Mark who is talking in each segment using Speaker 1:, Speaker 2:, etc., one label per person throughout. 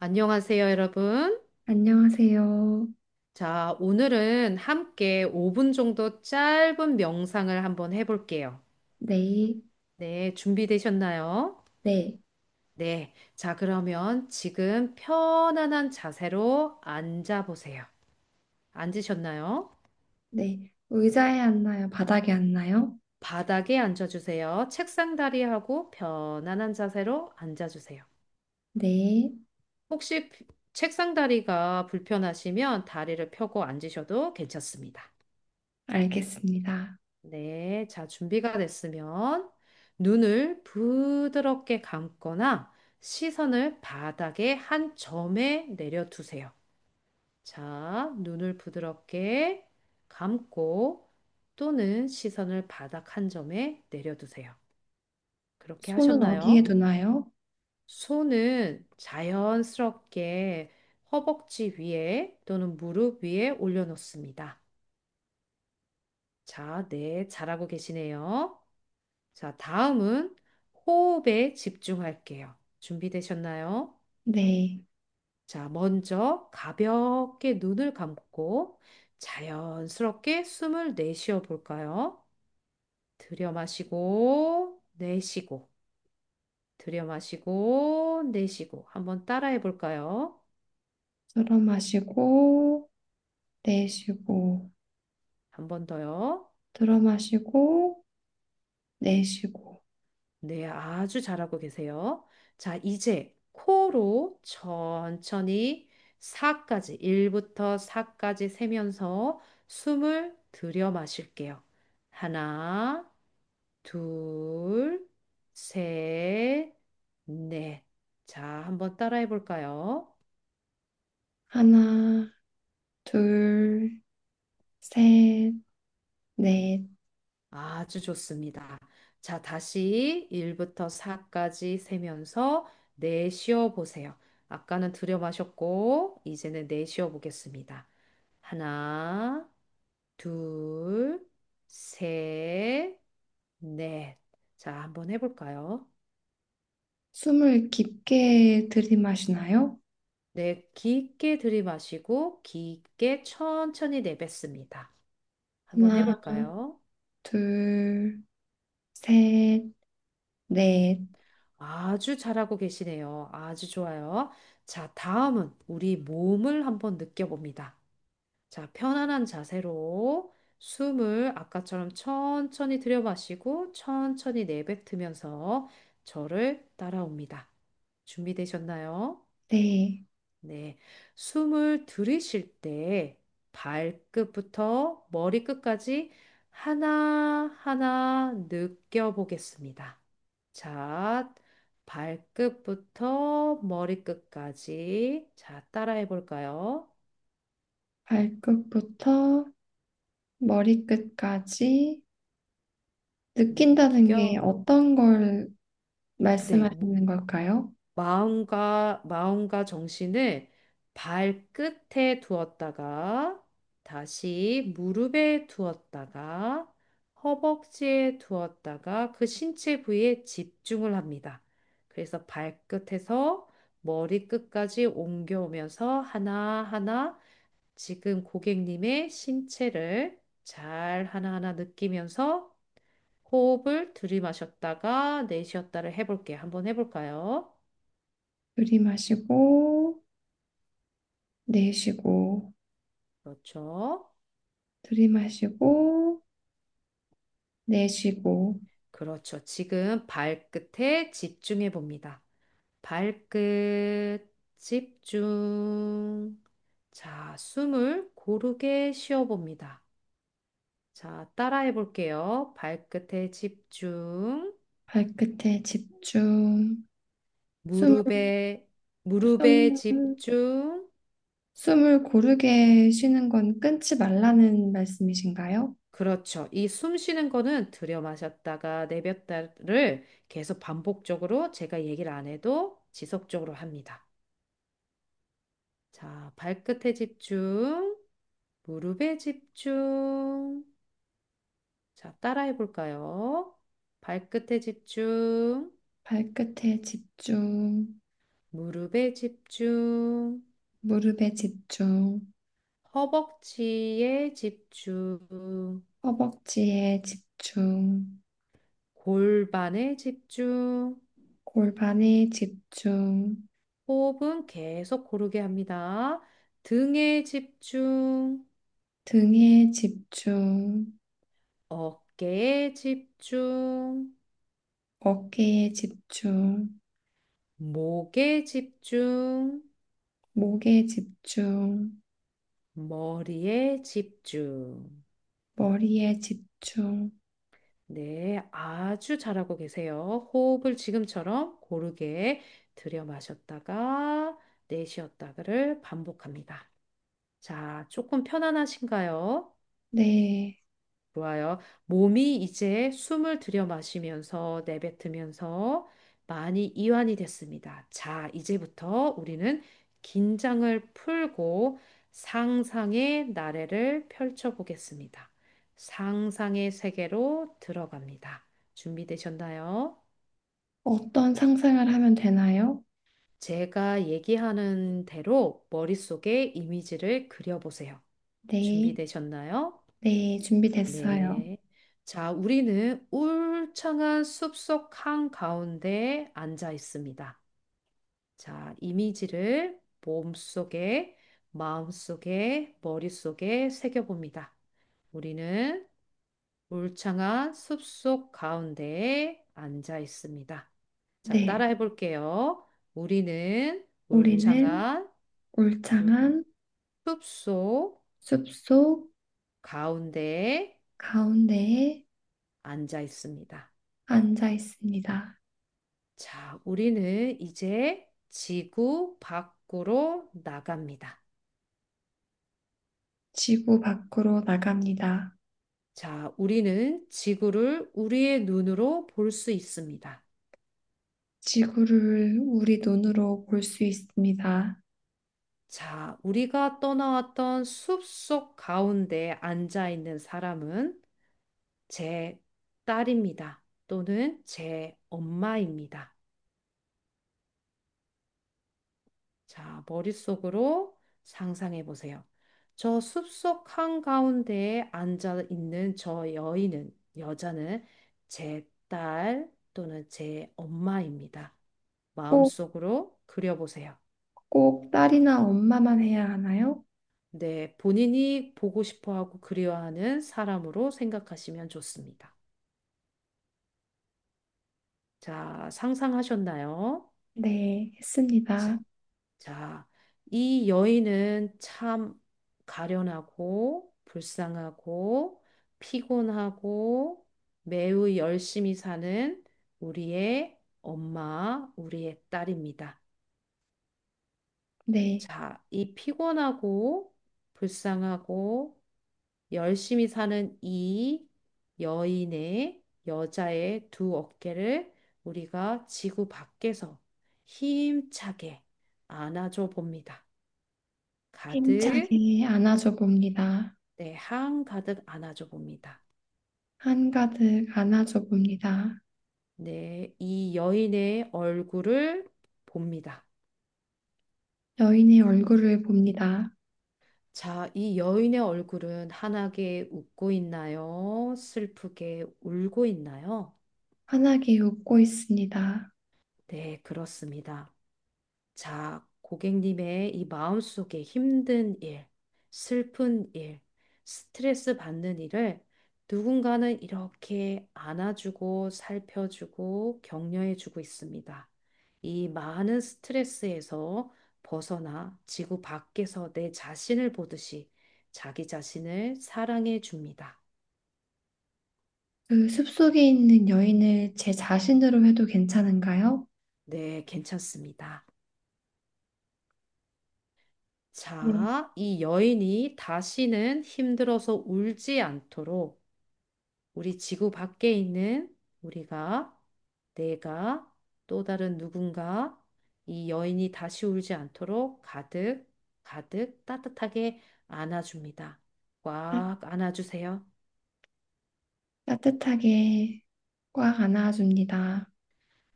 Speaker 1: 안녕하세요, 여러분.
Speaker 2: 안녕하세요.
Speaker 1: 자, 오늘은 함께 5분 정도 짧은 명상을 한번 해볼게요.
Speaker 2: 네,
Speaker 1: 네, 준비되셨나요?
Speaker 2: 네,
Speaker 1: 네. 자, 그러면 지금 편안한 자세로 앉아보세요. 앉으셨나요?
Speaker 2: 네. 의자에 앉나요? 바닥에 앉나요?
Speaker 1: 바닥에 앉아주세요. 책상 다리하고 편안한 자세로 앉아주세요.
Speaker 2: 네,
Speaker 1: 혹시 책상 다리가 불편하시면 다리를 펴고 앉으셔도 괜찮습니다.
Speaker 2: 알겠습니다.
Speaker 1: 네, 자, 준비가 됐으면 눈을 부드럽게 감거나 시선을 바닥의 한 점에 내려두세요. 자, 눈을 부드럽게 감고 또는 시선을 바닥 한 점에 내려두세요. 그렇게
Speaker 2: 손은 어디에
Speaker 1: 하셨나요?
Speaker 2: 두나요?
Speaker 1: 손은 자연스럽게 허벅지 위에 또는 무릎 위에 올려놓습니다. 자, 네, 잘하고 계시네요. 자, 다음은 호흡에 집중할게요. 준비되셨나요?
Speaker 2: 네,
Speaker 1: 자, 먼저 가볍게 눈을 감고 자연스럽게 숨을 내쉬어 볼까요? 들여 마시고, 내쉬고, 들여 마시고, 내쉬고. 한번 따라해 볼까요?
Speaker 2: 들어 마시고, 내쉬고,
Speaker 1: 한번 더요.
Speaker 2: 들어 마시고, 내쉬고.
Speaker 1: 네, 아주 잘하고 계세요. 자, 이제 코로 천천히 4까지, 1부터 4까지 세면서 숨을 들여 마실게요. 하나, 둘, 셋, 넷. 자, 한번 따라해 볼까요?
Speaker 2: 하나, 둘, 셋, 넷.
Speaker 1: 아주 좋습니다. 자, 다시 1부터 4까지 세면서 내쉬어 보세요. 아까는 들여 마셨고, 이제는 내쉬어 보겠습니다. 하나, 둘, 셋, 넷. 자, 한번 해볼까요?
Speaker 2: 숨을 깊게 들이마시나요?
Speaker 1: 네, 깊게 들이마시고, 깊게 천천히 내뱉습니다. 한번
Speaker 2: 하나,
Speaker 1: 해볼까요?
Speaker 2: 둘, 셋, 넷.
Speaker 1: 아주 잘하고 계시네요. 아주 좋아요. 자, 다음은 우리 몸을 한번 느껴봅니다. 자, 편안한 자세로 숨을 아까처럼 천천히 들여 마시고 천천히 내뱉으면서 저를 따라옵니다. 준비되셨나요?
Speaker 2: 네,
Speaker 1: 네. 숨을 들이쉴 때 발끝부터 머리끝까지 하나하나 느껴보겠습니다. 자, 발끝부터 머리끝까지. 자, 따라해 볼까요?
Speaker 2: 발끝부터 머리끝까지 느낀다는 게
Speaker 1: 느껴.
Speaker 2: 어떤 걸
Speaker 1: 네,
Speaker 2: 말씀하시는 걸까요?
Speaker 1: 마음과 정신을 발끝에 두었다가 다시 무릎에 두었다가 허벅지에 두었다가 그 신체 부위에 집중을 합니다. 그래서 발끝에서 머리끝까지 옮겨오면서 하나하나 지금 고객님의 신체를 잘 하나하나 느끼면서 호흡을 들이마셨다가 내쉬었다를 해볼게요. 한번 해볼까요?
Speaker 2: 들이마시고, 내쉬고,
Speaker 1: 그렇죠.
Speaker 2: 들이마시고, 내쉬고,
Speaker 1: 그렇죠. 지금 발끝에 집중해 봅니다. 발끝 집중. 자, 숨을 고르게 쉬어 봅니다. 자, 따라해 볼게요. 발끝에 집중.
Speaker 2: 발끝에 집중, 숨을,
Speaker 1: 무릎에, 무릎에
Speaker 2: 숨을,
Speaker 1: 집중.
Speaker 2: 숨을 고르게 쉬는 건 끊지 말라는 말씀이신가요?
Speaker 1: 그렇죠. 이 숨 쉬는 거는 들여 마셨다가 내뱉다를 계속 반복적으로 제가 얘기를 안 해도 지속적으로 합니다. 자, 발끝에 집중, 무릎에 집중. 자, 따라해 볼까요? 발끝에 집중,
Speaker 2: 발끝에 집중,
Speaker 1: 무릎에 집중,
Speaker 2: 무릎에 집중,
Speaker 1: 허벅지에 집중,
Speaker 2: 허벅지에 집중,
Speaker 1: 골반에 집중.
Speaker 2: 골반에 집중,
Speaker 1: 호흡은 계속 고르게 합니다. 등에 집중.
Speaker 2: 등에 집중,
Speaker 1: 어깨에 집중,
Speaker 2: 어깨에 집중,
Speaker 1: 목에 집중,
Speaker 2: 목에 집중,
Speaker 1: 머리에 집중.
Speaker 2: 머리에 집중.
Speaker 1: 네, 아주 잘하고 계세요. 호흡을 지금처럼 고르게 들여 마셨다가 내쉬었다가를 반복합니다. 자, 조금 편안하신가요?
Speaker 2: 네.
Speaker 1: 좋아요. 몸이 이제 숨을 들여 마시면서 내뱉으면서 많이 이완이 됐습니다. 자, 이제부터 우리는 긴장을 풀고 상상의 나래를 펼쳐 보겠습니다. 상상의 세계로 들어갑니다. 준비되셨나요?
Speaker 2: 어떤 상상을 하면 되나요?
Speaker 1: 제가 얘기하는 대로 머릿속에 이미지를 그려보세요.
Speaker 2: 네.
Speaker 1: 준비되셨나요?
Speaker 2: 네. 준비됐어요.
Speaker 1: 네. 자, 우리는 울창한 숲속 한가운데 앉아 있습니다. 자, 이미지를 몸속에, 마음속에, 머릿속에 새겨봅니다. 우리는 울창한 숲속 가운데에 앉아 있습니다. 자,
Speaker 2: 네.
Speaker 1: 따라해 볼게요. 우리는
Speaker 2: 우리는
Speaker 1: 울창한
Speaker 2: 울창한
Speaker 1: 숲속
Speaker 2: 숲속
Speaker 1: 가운데에
Speaker 2: 가운데에
Speaker 1: 앉아 있습니다.
Speaker 2: 앉아 있습니다.
Speaker 1: 자, 우리는 이제 지구 밖으로 나갑니다.
Speaker 2: 지구 밖으로 나갑니다.
Speaker 1: 자, 우리는 지구를 우리의 눈으로 볼 수 있습니다.
Speaker 2: 지구를 우리 눈으로 볼 수 있습니다.
Speaker 1: 자, 우리가 떠나왔던 숲속 가운데 앉아 있는 사람은 제 딸입니다. 또는 제 엄마입니다. 자, 머릿속으로 상상해 보세요. 저 숲속 한가운데에 앉아 있는 저 여인은, 여자는 제 딸 또는 제 엄마입니다.
Speaker 2: 꼭,
Speaker 1: 마음속으로 그려보세요.
Speaker 2: 꼭 딸이나 엄마만 해야 하나요?
Speaker 1: 네, 본인이 보고 싶어 하고 그리워하는 사람으로 생각하시면 좋습니다. 자, 상상하셨나요?
Speaker 2: 네,
Speaker 1: 자,
Speaker 2: 했습니다.
Speaker 1: 자, 이 여인은 참 가련하고 불쌍하고 피곤하고 매우 열심히 사는 우리의 엄마, 우리의 딸입니다.
Speaker 2: 네,
Speaker 1: 자, 이 피곤하고 불쌍하고 열심히 사는 이 여인의 여자의 두 어깨를 우리가 지구 밖에서 힘차게 안아줘 봅니다. 가득
Speaker 2: 힘차게 안아줘 봅니다.
Speaker 1: 네, 향 가득 안아줘 봅니다.
Speaker 2: 한가득 안아줘 봅니다.
Speaker 1: 네, 이 여인의 얼굴을 봅니다.
Speaker 2: 여인의 얼굴을 봅니다.
Speaker 1: 자, 이 여인의 얼굴은 환하게 웃고 있나요? 슬프게 울고 있나요?
Speaker 2: 환하게 웃고 있습니다.
Speaker 1: 네, 그렇습니다. 자, 고객님의 이 마음속에 힘든 일, 슬픈 일, 스트레스 받는 일을 누군가는 이렇게 안아주고 살펴주고 격려해주고 있습니다. 이 많은 스트레스에서 벗어나 지구 밖에서 내 자신을 보듯이 자기 자신을 사랑해 줍니다.
Speaker 2: 그 숲속에 있는 여인을 제 자신으로 해도 괜찮은가요?
Speaker 1: 네, 괜찮습니다.
Speaker 2: 네,
Speaker 1: 자, 이 여인이 다시는 힘들어서 울지 않도록 우리 지구 밖에 있는 우리가, 내가, 또 다른 누군가, 이 여인이 다시 울지 않도록 가득, 가득 따뜻하게 안아줍니다.
Speaker 2: 따,
Speaker 1: 꽉 안아주세요.
Speaker 2: 따뜻하게 꽉 안아줍니다.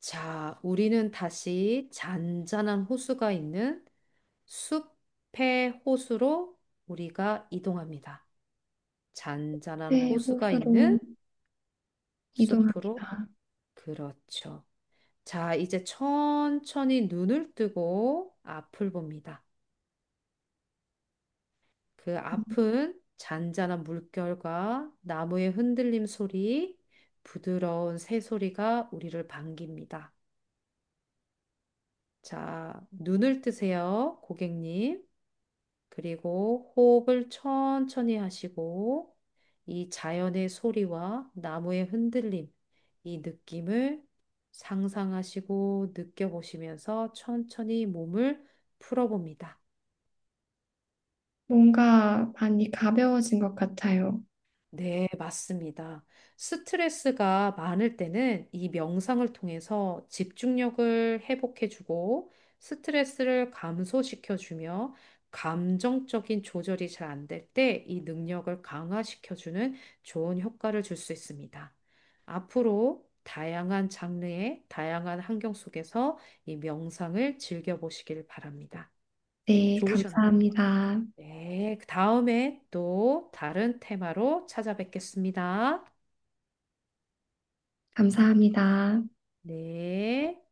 Speaker 1: 자, 우리는 다시 잔잔한 호수가 있는 숲의 호수로 우리가 이동합니다. 잔잔한
Speaker 2: 새
Speaker 1: 호수가
Speaker 2: 호수로
Speaker 1: 있는 숲으로.
Speaker 2: 이동합니다.
Speaker 1: 그렇죠. 자, 이제 천천히 눈을 뜨고 앞을 봅니다. 그 앞은 잔잔한 물결과 나무의 흔들림 소리, 부드러운 새소리가 우리를 반깁니다. 자, 눈을 뜨세요, 고객님. 그리고 호흡을 천천히 하시고, 이 자연의 소리와 나무의 흔들림, 이 느낌을 상상하시고 느껴보시면서 천천히 몸을 풀어봅니다.
Speaker 2: 뭔가 많이 가벼워진 것 같아요.
Speaker 1: 네, 맞습니다. 스트레스가 많을 때는 이 명상을 통해서 집중력을 회복해주고 스트레스를 감소시켜주며 감정적인 조절이 잘 안될 때 이 능력을 강화시켜주는 좋은 효과를 줄 수 있습니다. 앞으로 다양한 장르의 다양한 환경 속에서 이 명상을 즐겨보시길 바랍니다.
Speaker 2: 네,
Speaker 1: 좋으셨,
Speaker 2: 감사합니다.
Speaker 1: 네, 그 다음에 또 다른 테마로 찾아뵙겠습니다.
Speaker 2: 감사합니다.
Speaker 1: 네.